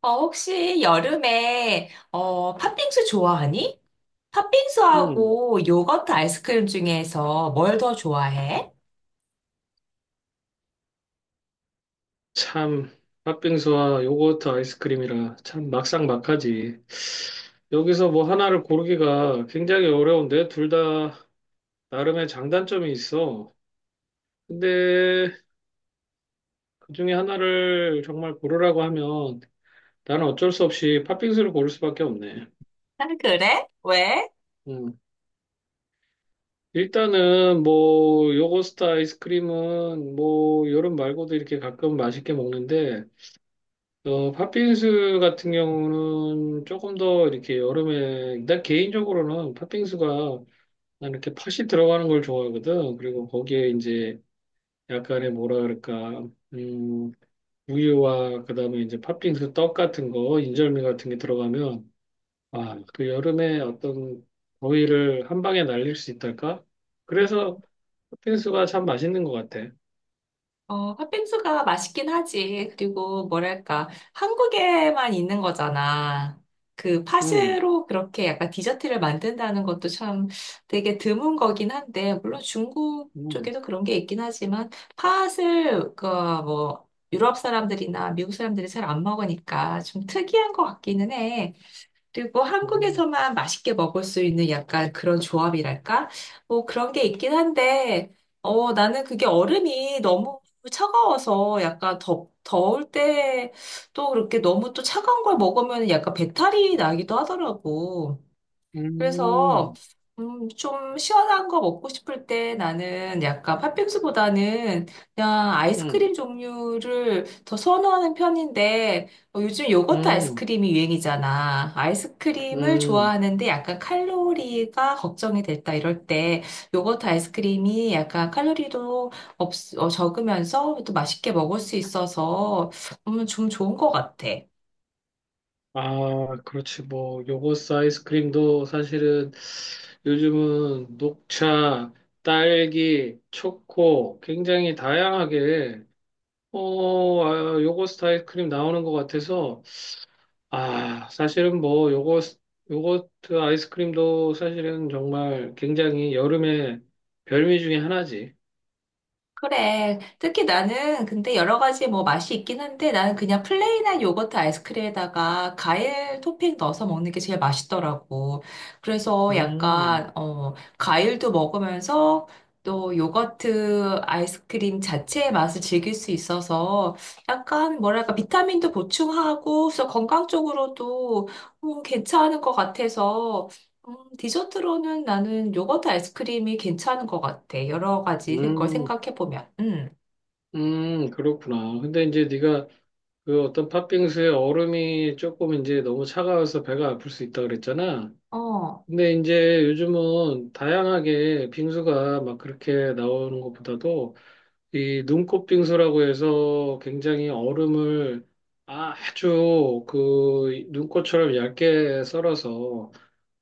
혹시 여름에, 팥빙수 좋아하니? 음, 팥빙수하고 요거트 아이스크림 중에서 뭘 더 좋아해? 참, 팥빙수와 요거트 아이스크림이라 참 막상막하지. 여기서 뭐 하나를 고르기가 굉장히 어려운데 둘 다 나름의 장단점이 있어. 근데 그 중에 하나를 정말 고르라고 하면 나는 어쩔 수 없이 팥빙수를 고를 수밖에 없네. 아, 그래? 왜? 음. 일단은 뭐 요거트 아이스크림은 뭐 여름 말고도 이렇게 가끔 맛있게 먹는데 팥빙수 같은 경우는 조금 더 이렇게 여름에, 난 개인적으로는 팥빙수가 난 이렇게 팥이 들어가는 걸 좋아하거든. 그리고 거기에 이제 약간의 뭐라 그럴까, 음, 우유와 그다음에 이제 팥빙수 떡 같은 거, 인절미 같은 게 들어가면, 아, 그 여름에 어떤 더위를 한 방에 날릴 수 있달까? 그래서 팥빙수가 참 맛있는 것 같아. 팥빙수가 맛있긴 하지. 그리고 뭐랄까, 한국에만 있는 거잖아. 그 음, 팥으로 그렇게 약간 디저트를 만든다는 것도 참 되게 드문 거긴 한데, 물론 중국 음, 쪽에도 그런 게 있긴 하지만, 팥을, 그, 뭐, 유럽 사람들이나 미국 사람들이 잘 안 먹으니까 좀 특이한 것 같기는 해. 그리고 음, 한국에서만 맛있게 먹을 수 있는 약간 그런 조합이랄까? 뭐 그런 게 있긴 한데, 나는 그게 얼음이 너무 차가워서 약간 더울 때 또 그렇게 너무 또 차가운 걸 먹으면 약간 배탈이 나기도 하더라고. 그래서 음, 좀 시원한 거 먹고 싶을 때 나는 약간 팥빙수보다는 그냥 음, 아이스크림 종류를 더 선호하는 편인데 요즘 요거트 음. 아이스크림이 유행이잖아. 아이스크림을 음. 좋아하는데 약간 칼로리가 걱정이 됐다 이럴 때 요거트 아이스크림이 약간 칼로리도 없, 적으면서 또 맛있게 먹을 수 있어서 좀 좋은 것 같아. 아, 그렇지. 뭐, 요거스 아이스크림도 사실은 요즘은 녹차, 딸기, 초코 굉장히 다양하게, 아, 요거스트 아이스크림 나오는 것 같아서, 아, 사실은 뭐, 요거트 아이스크림도 사실은 정말 굉장히 여름의 별미 중에 하나지. 그래. 특히 나는 근데 여러 가지 뭐 맛이 있긴 한데 나는 그냥 플레인한 요거트 아이스크림에다가 과일 토핑 넣어서 먹는 게 제일 맛있더라고. 그래서 음, 약간 과일도 먹으면서 또 요거트 아이스크림 자체의 맛을 즐길 수 있어서 약간 뭐랄까 비타민도 보충하고 그래서 건강 적으로도 괜찮은 것 같아서 디저트로는 나는 요거트 아이스크림이 괜찮은 것 같아. 여러 가지 걸 음, 생각해보면. 음. 그렇구나. 근데 이제 네가 그 어떤 팥빙수에 얼음이 조금 이제 너무 차가워서 배가 아플 수 있다 그랬잖아. 어. 근데 이제 요즘은 다양하게 빙수가 막 그렇게 나오는 것보다도 이 눈꽃 빙수라고 해서 굉장히 얼음을 아주 그 눈꽃처럼 얇게 썰어서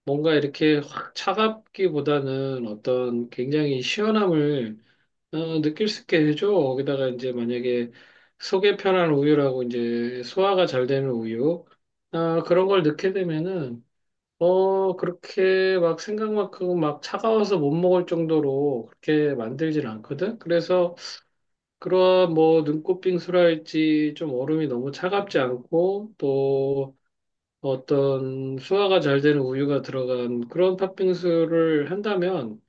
뭔가 이렇게 확 차갑기보다는 어떤 굉장히 시원함을 느낄 수 있게 해줘. 거기다가 이제 만약에 속이 편한 우유라고 이제 소화가 잘 되는 우유, 아, 그런 걸 넣게 되면은, 그렇게 막 생각만큼 막 차가워서 못 먹을 정도로 그렇게 만들진 않거든? 그래서 그런 뭐 눈꽃 빙수랄지 좀 얼음이 너무 차갑지 않고 또 어떤 소화가 잘 되는 우유가 들어간 그런 팥빙수를 한다면,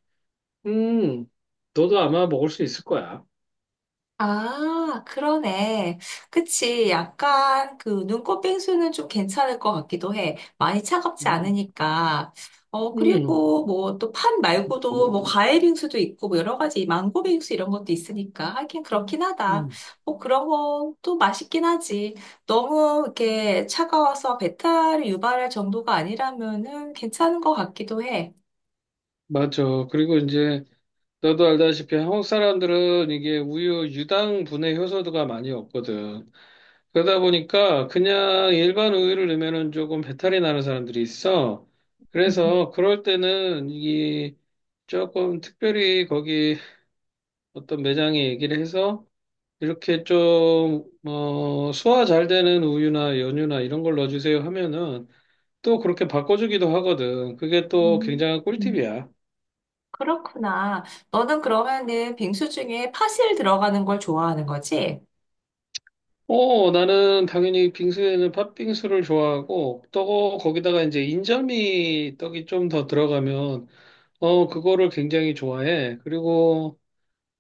음, 너도 아마 먹을 수 있을 거야. 아, 그러네. 그치. 약간 그 눈꽃 빙수는 좀 괜찮을 것 같기도 해. 많이 차갑지 음. 않으니까. 음, 그리고 뭐 또 팥 말고도 뭐 과일 빙수도 있고 뭐 여러 가지 망고 빙수 이런 것도 있으니까 하긴 그렇긴 하다. 음, 뭐 그런 건 또 맛있긴 하지. 너무 이렇게 차가워서 배탈을 유발할 정도가 아니라면은 괜찮은 것 같기도 해. 맞아. 그리고 이제 너도 알다시피 한국 사람들은 이게 우유 유당 분해 효소도가 많이 없거든. 그러다 보니까 그냥 일반 우유를 넣으면은 조금 배탈이 나는 사람들이 있어. 음. 그래서 그럴 때는 이 조금 특별히 거기 어떤 매장에 얘기를 해서 이렇게 좀, 소화 잘 되는 우유나 연유나 이런 걸 넣어주세요 하면은 또 그렇게 바꿔주기도 하거든. 그게 또 음. 굉장한 음. 꿀팁이야. 그렇구나. 너는 그러면은 빙수 중에 파실 들어가는 걸 좋아하는 거지? 나는 당연히 빙수에는 팥빙수를 좋아하고, 또 거기다가 이제 인절미 떡이 좀 더 들어가면, 그거를 굉장히 좋아해. 그리고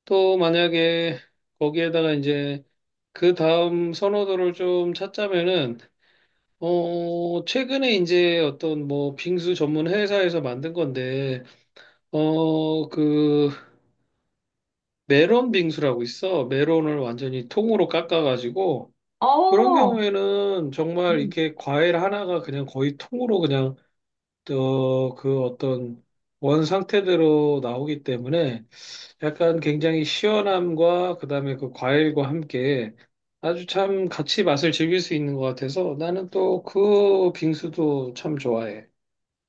또 만약에 거기에다가 이제 그 다음 선호도를 좀 찾자면은, 최근에 이제 어떤 뭐 빙수 전문 회사에서 만든 건데, 그 메론 빙수라고 있어. 메론을 완전히 통으로 깎아가지고, 그런 어. 경우에는 정말 이렇게 과일 하나가 그냥 거의 통으로 그냥 그 어떤 원 상태대로 나오기 때문에 약간 굉장히 시원함과 그다음에 그 과일과 함께 아주 참 같이 맛을 즐길 수 있는 것 같아서 나는 또 그 빙수도 참 좋아해.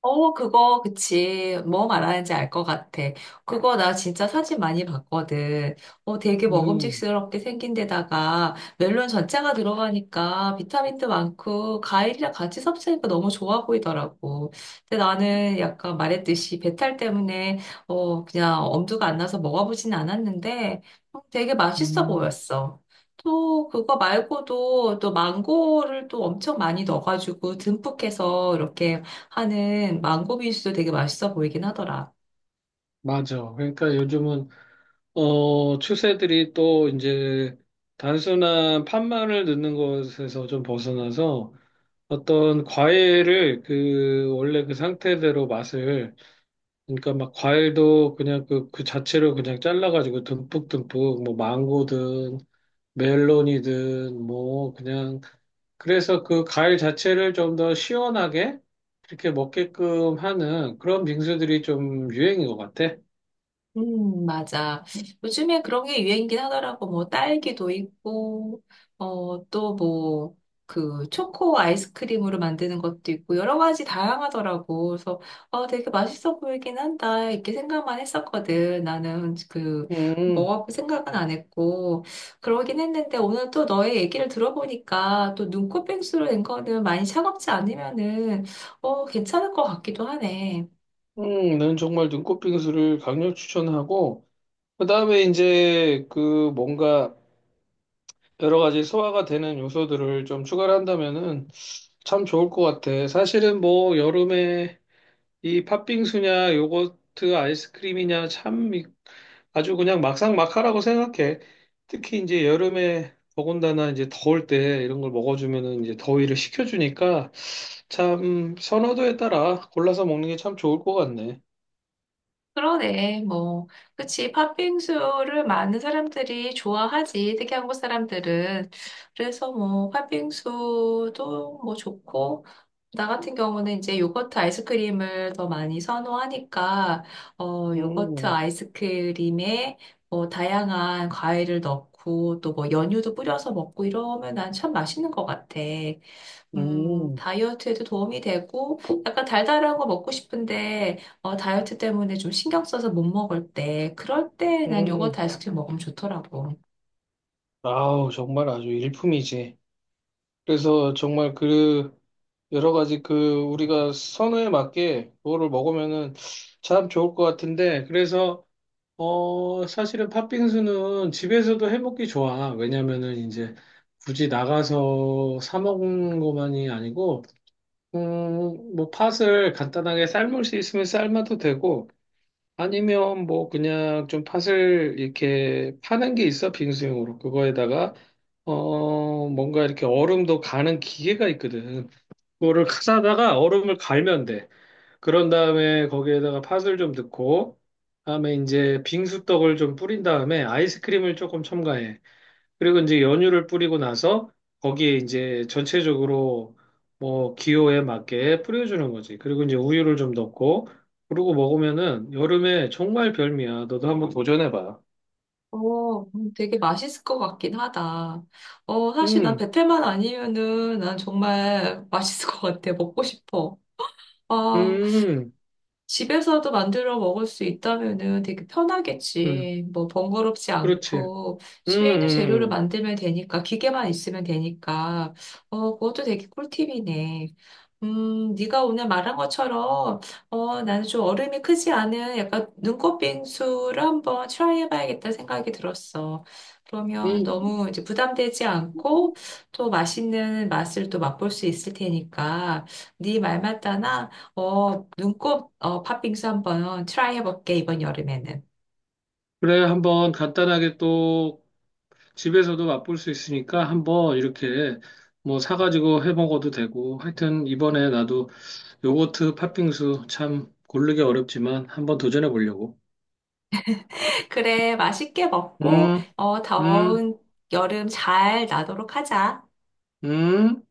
어, 그거, 그치. 뭐 말하는지 알 것 같아. 그거 나 진짜 사진 많이 봤거든. 되게 음, 먹음직스럽게 생긴 데다가 멜론 전체가 들어가니까 비타민도 많고 과일이랑 같이 섭취하니까 너무 좋아 보이더라고. 근데 나는 약간 말했듯이 배탈 때문에 그냥 엄두가 안 나서 먹어보진 않았는데 되게 맛있어 음, 보였어. 또 그거 말고도 또 망고를 또 엄청 많이 넣어가지고 듬뿍 해서 이렇게 하는 망고 빙수도 되게 맛있어 보이긴 하더라. 맞아. 그러니까 요즘은 추세들이 또 이제 단순한 팥만을 넣는 것에서 좀 벗어나서 어떤 과일을 그 원래 그 상태대로 맛을 그러니까 막 과일도 그냥 그 자체로 그냥 잘라가지고 듬뿍듬뿍 뭐 망고든 멜론이든 뭐 그냥 그래서 그 과일 자체를 좀 더 시원하게 이렇게 먹게끔 하는 그런 빙수들이 좀 유행인 것 같아. 맞아. 요즘에 그런 게 유행이긴 하더라고. 뭐, 딸기도 있고, 또 뭐, 그, 초코 아이스크림으로 만드는 것도 있고, 여러 가지 다양하더라고. 그래서, 되게 맛있어 보이긴 한다. 이렇게 생각만 했었거든. 나는 그, 음, 먹어볼 생각은 안 했고, 그러긴 했는데, 오늘 또 너의 얘기를 들어보니까, 또 눈꽃뺑수로 된 거는 많이 차갑지 않으면은, 괜찮을 것 같기도 하네. 난 정말 눈꽃 빙수를 강력 추천하고 그다음에 이제 그 뭔가 여러 가지 소화가 되는 요소들을 좀 추가를 한다면은 참 좋을 것 같아. 사실은 뭐 여름에 이 팥빙수냐 요거트 아이스크림이냐 참 아주 그냥 막상막하라고 생각해. 특히 이제 여름에 더군다나 이제 더울 때 이런 걸 먹어주면은 이제 더위를 식혀주니까 참 선호도에 따라 골라서 먹는 게 참 좋을 것 같네. 그러네, 뭐. 그치, 팥빙수를 많은 사람들이 좋아하지, 특히 한국 사람들은. 그래서 뭐, 팥빙수도 뭐 좋고, 나 같은 경우는 이제 요거트 아이스크림을 더 많이 선호하니까, 요거트 음, 아이스크림에 뭐, 다양한 과일을 넣고, 또 뭐, 연유도 뿌려서 먹고 이러면 난 참 맛있는 것 같아. 음, 다이어트에도 도움이 되고, 약간 달달한 거 먹고 싶은데, 다이어트 때문에 좀 신경 써서 못 먹을 때, 그럴 때 난 음. 요거트 아이스크림 먹으면 좋더라고. 아우, 정말 아주 일품이지. 그래서 정말 그 여러 가지 그 우리가 선호에 맞게 그거를 먹으면은 참 좋을 것 같은데 그래서 사실은 팥빙수는 집에서도 해 먹기 좋아. 왜냐면은 이제 굳이 나가서 사 먹는 것만이 아니고 음뭐 팥을 간단하게 삶을 수 있으면 삶아도 되고 아니면 뭐 그냥 좀 팥을 이렇게 파는 게 있어 빙수용으로 그거에다가 뭔가 이렇게 얼음도 가는 기계가 있거든. 그거를 싸다가 얼음을 갈면 돼. 그런 다음에 거기에다가 팥을 좀 넣고, 다음에 이제 빙수떡을 좀 뿌린 다음에 아이스크림을 조금 첨가해. 그리고 이제 연유를 뿌리고 나서 거기에 이제 전체적으로 뭐 기호에 맞게 뿌려주는 거지. 그리고 이제 우유를 좀 넣고, 그러고 먹으면은 여름에 정말 별미야. 너도 한번 도전해봐. 되게 맛있을 것 같긴 하다. 사실 난 음, 베테만 아니면은 난 정말 맛있을 것 같아. 먹고 싶어. 아, 음, 집에서도 만들어 먹을 수 있다면은 되게 음, 편하겠지. 뭐 번거롭지 그렇지. 않고 음, 집에 있는 재료를 음, 만들면 되니까 기계만 있으면 되니까 그것도 되게 꿀팁이네. 네가 오늘 말한 것처럼 나는 좀 얼음이 크지 않은 약간 눈꽃 빙수를 한번 트라이 해봐야겠다 생각이 들었어. 그러면 음. 너무 이제 부담되지 않고 또 맛있는 맛을 또 맛볼 수 있을 테니까 네 말 맞다나 팥빙수 한번 트라이 해볼게, 이번 여름에는. 그래, 한번 간단하게 또 집에서도 맛볼 수 있으니까 한번 이렇게 뭐 사가지고 해 먹어도 되고 하여튼 이번에 나도 요거트 팥빙수 참 고르기 어렵지만 한번 도전해 보려고. 그래, 맛있게 먹고, 음, 음, 더운 여름 잘 나도록 하자. 음.